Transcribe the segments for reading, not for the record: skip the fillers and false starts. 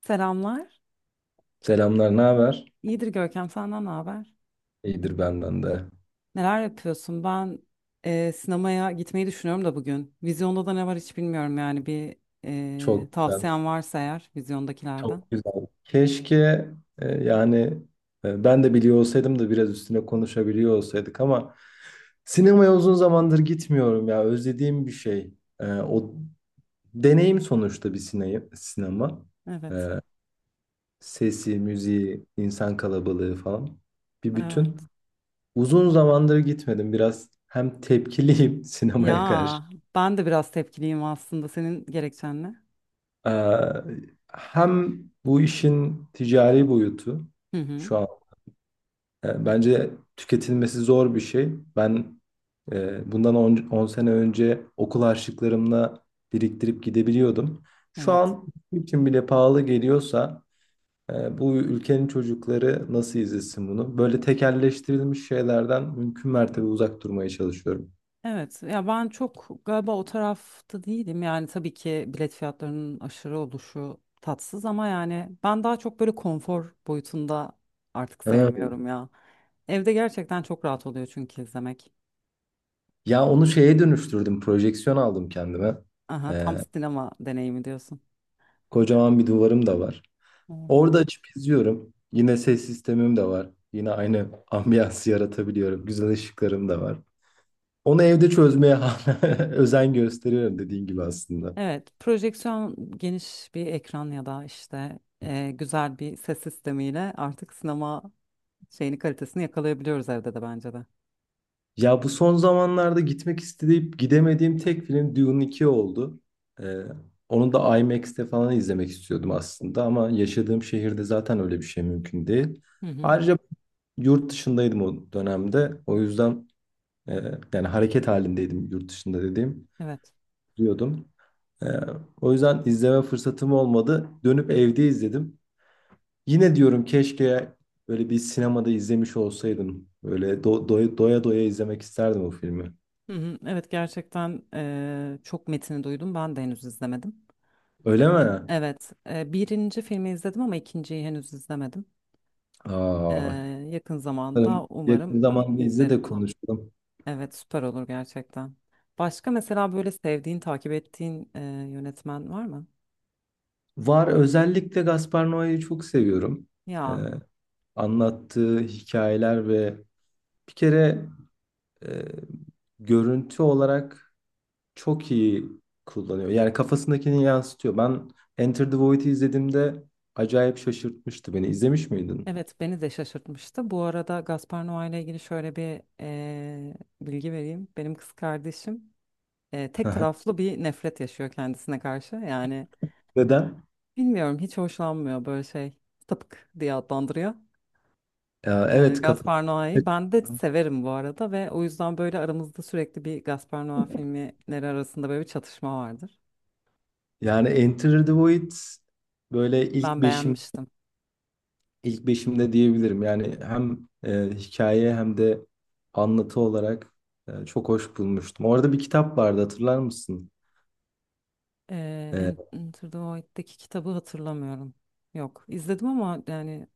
Selamlar. Selamlar, ne haber? İyidir Görkem, senden ne haber? İyidir benden de. Neler yapıyorsun? Ben sinemaya gitmeyi düşünüyorum da bugün. Vizyonda da ne var hiç bilmiyorum yani bir Çok güzel, tavsiyen varsa eğer vizyondakilerden. çok güzel. Keşke yani ben de biliyor olsaydım da biraz üstüne konuşabiliyor olsaydık ama sinemaya uzun zamandır gitmiyorum ya. Özlediğim bir şey. O deneyim sonuçta bir sinema, sinema. Evet, Sesi, müziği, insan kalabalığı falan bir evet. bütün. Uzun zamandır gitmedim. Biraz hem tepkiliyim sinemaya karşı. Ya ben de biraz tepkiliyim aslında senin gerekçenle. Ee, Hem bu işin ticari boyutu Hı hı, şu an bence tüketilmesi zor bir şey. Ben bundan 10 sene önce okul harçlıklarımla biriktirip gidebiliyordum. Şu evet. an bizim için bile pahalı geliyorsa bu ülkenin çocukları nasıl izlesin bunu? Böyle tekelleştirilmiş şeylerden mümkün mertebe uzak durmaya çalışıyorum. Evet ya ben çok galiba o tarafta değilim yani tabii ki bilet fiyatlarının aşırı oluşu tatsız ama yani ben daha çok böyle konfor boyutunda artık Evet. sevmiyorum ya. Evde gerçekten çok rahat oluyor çünkü izlemek. Ya onu şeye dönüştürdüm. Projeksiyon aldım kendime. Aha, tam Ee, sinema deneyimi diyorsun. kocaman bir duvarım da var. Evet, Orada açıp izliyorum. Yine ses sistemim de var. Yine aynı ambiyansı yaratabiliyorum. Güzel ışıklarım da var. Onu evde çözmeye hala özen gösteriyorum dediğin gibi aslında. evet, projeksiyon geniş bir ekran ya da işte güzel bir ses sistemiyle artık sinema şeyini kalitesini yakalayabiliyoruz evde de bence de. Ya bu son zamanlarda gitmek isteyip gidemediğim tek film Dune 2 oldu. Ee, onu da IMAX'te falan izlemek istiyordum aslında ama yaşadığım şehirde zaten öyle bir şey mümkün değil. Hı hı. Ayrıca yurt dışındaydım o dönemde. O yüzden e, yani hareket halindeydim yurt dışında dediğim Evet. diyordum. Ee, o yüzden izleme fırsatım olmadı. Dönüp evde izledim. Yine diyorum keşke böyle bir sinemada izlemiş olsaydım. Böyle doya doya izlemek isterdim o filmi. Hı hı, evet gerçekten çok metini duydum. Ben de henüz izlemedim. Öyle mi? Evet, birinci filmi izledim ama ikinciyi henüz izlemedim. Eee, Aa, yakın bakalım zamanda umarım yakın zamanda izle de izlerim. konuşalım. Evet, süper olur gerçekten. Başka mesela böyle sevdiğin, takip ettiğin yönetmen var mı? Var, özellikle Gaspar Noé'yi çok seviyorum. Ee, Ya, Anlattığı hikayeler ve bir kere e, görüntü olarak çok iyi kullanıyor. Yani kafasındakini yansıtıyor. Ben Enter the Void'i izlediğimde acayip şaşırtmıştı beni. İzlemiş miydin? evet beni de şaşırtmıştı. Bu arada Gaspar Noé ile ilgili şöyle bir bilgi vereyim. Benim kız kardeşim tek Aha. taraflı bir nefret yaşıyor kendisine karşı. Yani. Neden? Bilmiyorum, hiç hoşlanmıyor böyle şey. Sapık diye adlandırıyor. Ya, evet, kafa. Gaspar Noé'yi. Ben de severim bu arada ve o yüzden böyle aramızda sürekli bir Gaspar Noé filmleri arasında böyle bir çatışma vardır. Yani Enter the Void böyle Ben beğenmiştim. ilk beşimde diyebilirim. Yani hem hikaye hem de anlatı olarak çok hoş bulmuştum. Orada bir kitap vardı, hatırlar mısın? E, Enter the Void'deki kitabı hatırlamıyorum. Yok, izledim ama yani.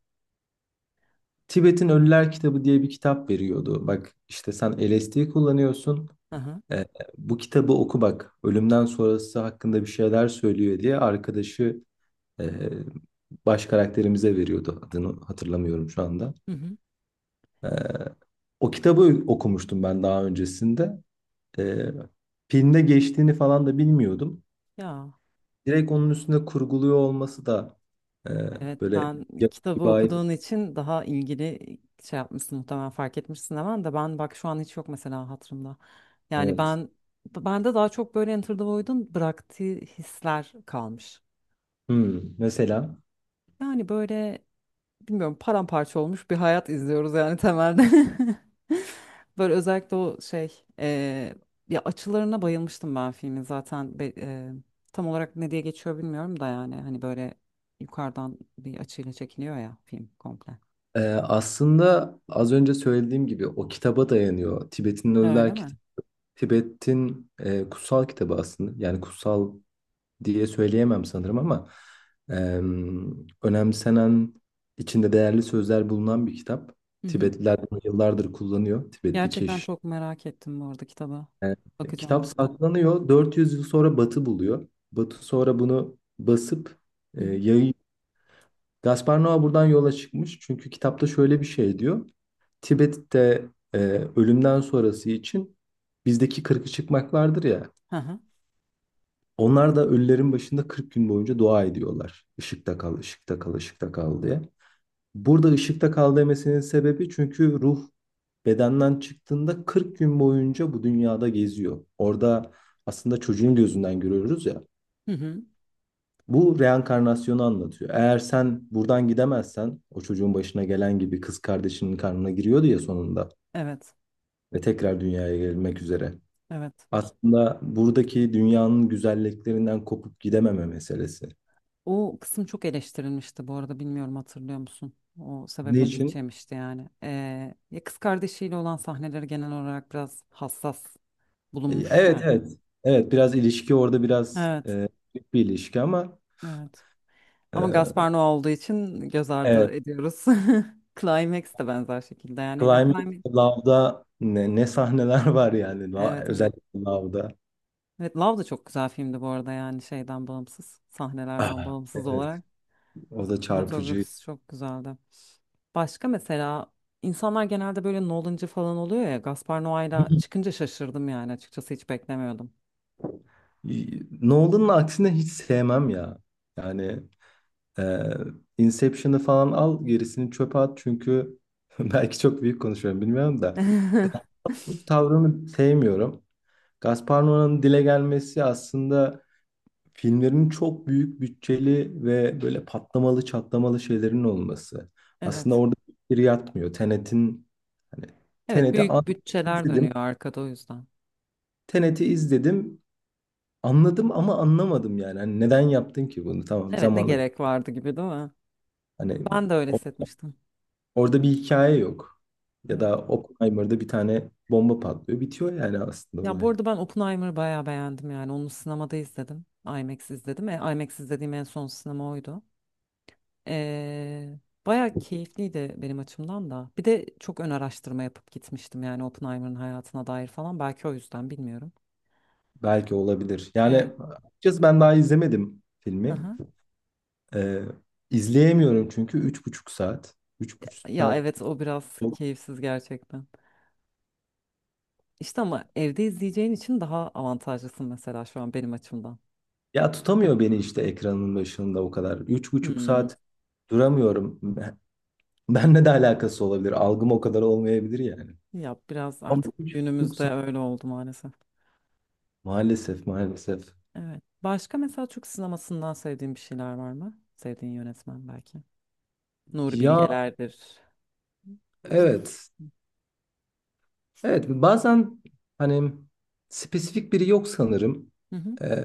Tibet'in Ölüler kitabı diye bir kitap veriyordu. Bak işte, sen LSD kullanıyorsun. Aha. E, bu kitabı oku bak. Ölümden sonrası hakkında bir şeyler söylüyor diye arkadaşı e, baş karakterimize veriyordu. Adını hatırlamıyorum şu anda. Hı hı. E, o kitabı okumuştum ben daha öncesinde. E, filmde geçtiğini falan da bilmiyordum. Ya. Direkt onun üstünde kurguluyor olması da e, Evet, böyle sen yapıcı kitabı bir ait. okuduğun için daha ilgili şey yapmışsın muhtemelen, fark etmişsin hemen de, ben bak şu an hiç yok mesela hatırımda. Yani Evet. bende daha çok böyle Enter the Void'un bıraktığı hisler kalmış. Mesela Yani böyle bilmiyorum, paramparça olmuş bir hayat izliyoruz yani temelde. Böyle özellikle o şey ya açılarına bayılmıştım ben filmin zaten tam olarak ne diye geçiyor bilmiyorum da yani hani böyle yukarıdan bir açıyla çekiliyor ya film komple. Aslında az önce söylediğim gibi o kitaba dayanıyor. Tibet'in Ha, öyle Ölüler mi? kitabı, Tibet'in kutsal kitabı aslında. Yani kutsal diye söyleyemem sanırım ama önemsenen, içinde değerli sözler bulunan bir kitap. Hı hı. Tibetliler bunu yıllardır kullanıyor. Tibetli Gerçekten keş. çok merak ettim bu arada kitaba. E, Bakacağım. kitap saklanıyor. 400 yıl sonra Batı buluyor. Batı sonra bunu basıp Hı hı. yayıyor. Gaspar Noa buradan yola çıkmış. Çünkü kitapta şöyle bir şey diyor. Tibet'te e, ölümden sonrası için bizdeki kırkı çıkmaklardır ya. Hı hı. Onlar da ölülerin başında 40 gün boyunca dua ediyorlar. Işıkta kal, ışıkta kal, ışıkta kal diye. Burada ışıkta kal demesinin sebebi çünkü ruh bedenden çıktığında 40 gün boyunca bu dünyada geziyor. Orada aslında çocuğun gözünden görüyoruz ya. Hı hı. Bu reenkarnasyonu anlatıyor. Eğer sen buradan gidemezsen o çocuğun başına gelen gibi kız kardeşinin karnına giriyordu ya sonunda, Evet. ve tekrar dünyaya gelmek üzere. Evet. Aslında buradaki dünyanın güzelliklerinden kopup gidememe meselesi. O kısım çok eleştirilmişti bu arada, bilmiyorum hatırlıyor musun? O Ne sebeple linç için? yemişti yani. Ya kız kardeşiyle olan sahneleri genel olarak biraz hassas bulunmuştu Evet, ya. evet. Evet, biraz ilişki orada biraz Evet. Büyük bir ilişki ama Evet. Ama e, Gaspar Noé olduğu için göz ardı evet. ediyoruz. Climax de benzer şekilde yani. Ya, Climate climax... Love'da ne, sahneler var yani, Evet, evet. özellikle Love'da. Evet, Love da çok güzel filmdi bu arada yani şeyden bağımsız, sahnelerden Ah, bağımsız evet, olarak. o da çarpıcı. Sinematografisi çok güzeldi. Başka mesela insanlar genelde böyle Nolan'cı falan oluyor ya. Gaspar Noé'la çıkınca şaşırdım yani, açıkçası hiç beklemiyordum. Nolan'ın aksine hiç sevmem ya. Yani e, Inception'ı falan al, gerisini çöpe at, çünkü belki çok büyük konuşuyorum, bilmiyorum da. Gaspar Noé'nin tavrını sevmiyorum. Gaspar Noé'nin dile gelmesi aslında filmlerin çok büyük bütçeli ve böyle patlamalı çatlamalı şeylerin olması. Aslında Evet. orada bir yatmıyor. Tenet'in hani Evet, Tenet'i büyük an- bütçeler izledim. dönüyor arkada o yüzden. Tenet'i izledim. Anladım ama anlamadım yani. Hani neden yaptın ki bunu? Tamam, Evet, ne zamanla gerek vardı gibi değil mi? hani Ben de öyle o- hissetmiştim. orada bir hikaye yok. Ya Evet. da Oppenheimer'da bir tane bomba patlıyor. Bitiyor yani aslında Ya bu olay. arada ben Oppenheimer'ı bayağı beğendim yani, onu sinemada izledim. IMAX izledim. E, IMAX izlediğim en son sinema oydu. Ee, bayağı keyifliydi benim açımdan da. Bir de çok ön araştırma yapıp gitmiştim yani Oppenheimer'ın hayatına dair falan. Belki o yüzden, bilmiyorum. Belki olabilir. Yani Evet. açıkçası ben daha izlemedim filmi. Aha. Ee, izleyemiyorum çünkü 3,5 saat. Üç buçuk Ya saat. evet, o biraz keyifsiz gerçekten. İşte ama evde izleyeceğin için daha avantajlısın mesela şu an benim açımdan. Ya tutamıyor beni işte ekranın başında o kadar. Üç buçuk Hmm. saat duramıyorum. Benle de alakası olabilir. Algım o kadar olmayabilir yani. Ya biraz Ama artık üç buçuk günümüzde saat. öyle oldu maalesef. Maalesef, maalesef. Evet. Başka mesela Türk sinemasından sevdiğin bir şeyler var mı? Sevdiğin yönetmen belki. Nuri Ya, Bilgeler'dir. İşte. evet. Evet, bazen hani spesifik biri yok sanırım. Hı hı. Ee,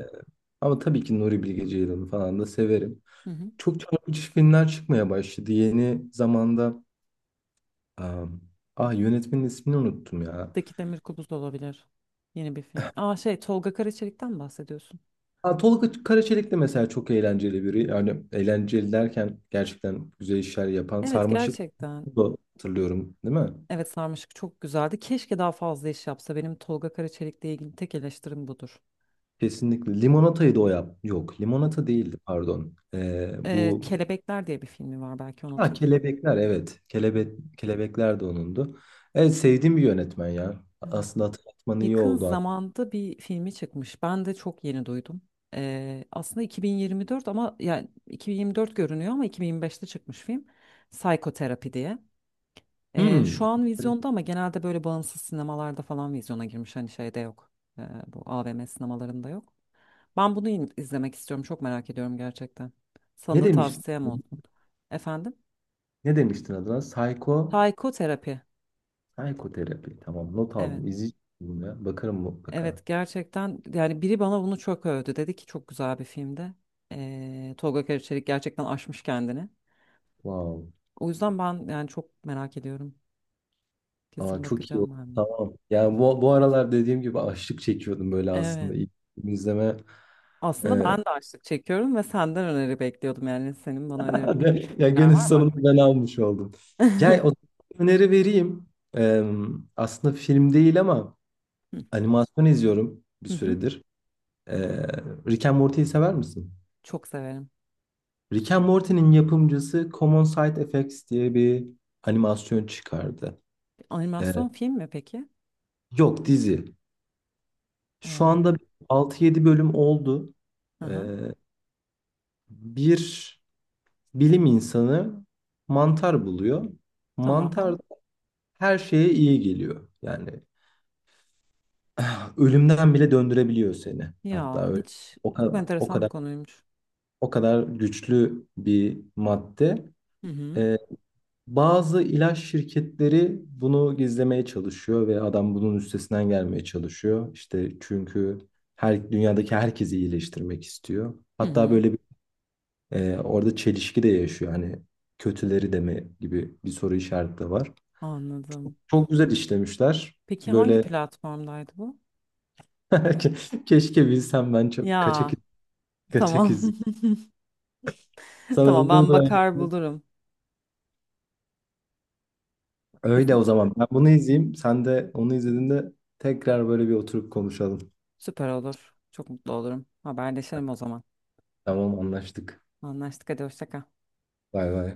Ama tabii ki Nuri Bilge Ceylan'ı falan da severim. Hı hı. Çok çarpıcı filmler çıkmaya başladı yeni zamanda. Am, ah Yönetmenin ismini unuttum ya. Daki Demir Kubuz da olabilir. Yeni bir film. Aa, şey, Tolga Karaçelik'ten mi bahsediyorsun? Ha, Tolga Karaçelik de mesela çok eğlenceli biri. Yani eğlenceli derken, gerçekten güzel işler yapan. Evet, Sarmaşık gerçekten. da, hatırlıyorum, değil mi? Evet, Sarmaşık çok güzeldi. Keşke daha fazla iş yapsa. Benim Tolga Karaçelik'le ilgili tek eleştirim budur. Kesinlikle. Limonata'yı da o yap. Yok, Limonata değildi, pardon. Bu Kelebekler diye bir filmi var, belki onu ha, hatırlıyorum. kelebekler, evet. Kelebekler de onundu. Evet, sevdiğim bir yönetmen ya. Evet. Aslında hatırlatman iyi Yakın oldu. zamanda bir filmi çıkmış. Ben de çok yeni duydum. Aslında 2024, ama yani 2024 görünüyor ama 2025'te çıkmış film. Psikoterapi diye. Şu Hmm, an vizyonda ama genelde böyle bağımsız sinemalarda falan vizyona girmiş. Hani şeyde yok. Bu AVM sinemalarında yok. İzlemek istiyorum. Çok merak ediyorum gerçekten. Sana ne da demiştin? tavsiyem olsun. Efendim? Ne demiştin adına? Psikoterapi. Psikoterapi. Tamam. Not Evet. aldım. İzleyeceğim ya. Bakarım mutlaka. Evet gerçekten yani biri bana bunu çok övdü. Dedi ki çok güzel bir filmdi. Tolga Karaçelik gerçekten aşmış kendini. Wow. O yüzden ben yani çok merak ediyorum. Aa, Kesin çok iyi bakacağım oldu. ben de. Tamam. Yani bu aralar dediğim gibi açlık çekiyordum böyle aslında. Evet. İlk film izleme. Aslında e, ben de açlık çekiyorum ve senden öneri bekliyordum. Yani senin bana öneri bekleyen ya şeyler günün var mı aklına? sonunda ben almış oldum. Ya, o öneri vereyim. Ee, Aslında film değil ama Hı animasyon izliyorum bir hı. hı. süredir. Ee, Rick and Morty'yi sever misin? Çok severim. Rick and Morty'nin yapımcısı Common Side Effects diye bir animasyon çıkardı. Ee, Animasyon film mi peki? Yok, dizi. Şu Ee, anda 6-7 bölüm oldu. hı hı. Ee, Bir bilim insanı mantar buluyor. Mantar Tamam. her şeye iyi geliyor. Yani ölümden bile döndürebiliyor seni. Hatta Ya öyle. hiç, O çok kadar, o enteresan bir kadar, konuymuş. o kadar güçlü bir madde. Hı hı. Ee, Bazı ilaç şirketleri bunu gizlemeye çalışıyor ve adam bunun üstesinden gelmeye çalışıyor. İşte çünkü her dünyadaki herkesi iyileştirmek istiyor. Hı Hatta hı. böyle. Orada çelişki de yaşıyor. Hani kötüleri de mi gibi bir soru işareti de var. Anladım. Çok güzel işlemişler. Peki hangi Böyle platformdaydı bu? Keşke bilsem, ben çok kaçak Ya kaçak tamam. izliyorum. Sana öyle Tamam, ben uygulayın. bakar bulurum. Öyle Kesin. o zaman. Ben bunu izleyeyim. Sen de onu izlediğinde tekrar böyle bir oturup konuşalım. Süper olur. Çok mutlu olurum. Haberleşelim o zaman. Tamam, anlaştık. Anlaştık, hadi hoşça kal. Bay bay.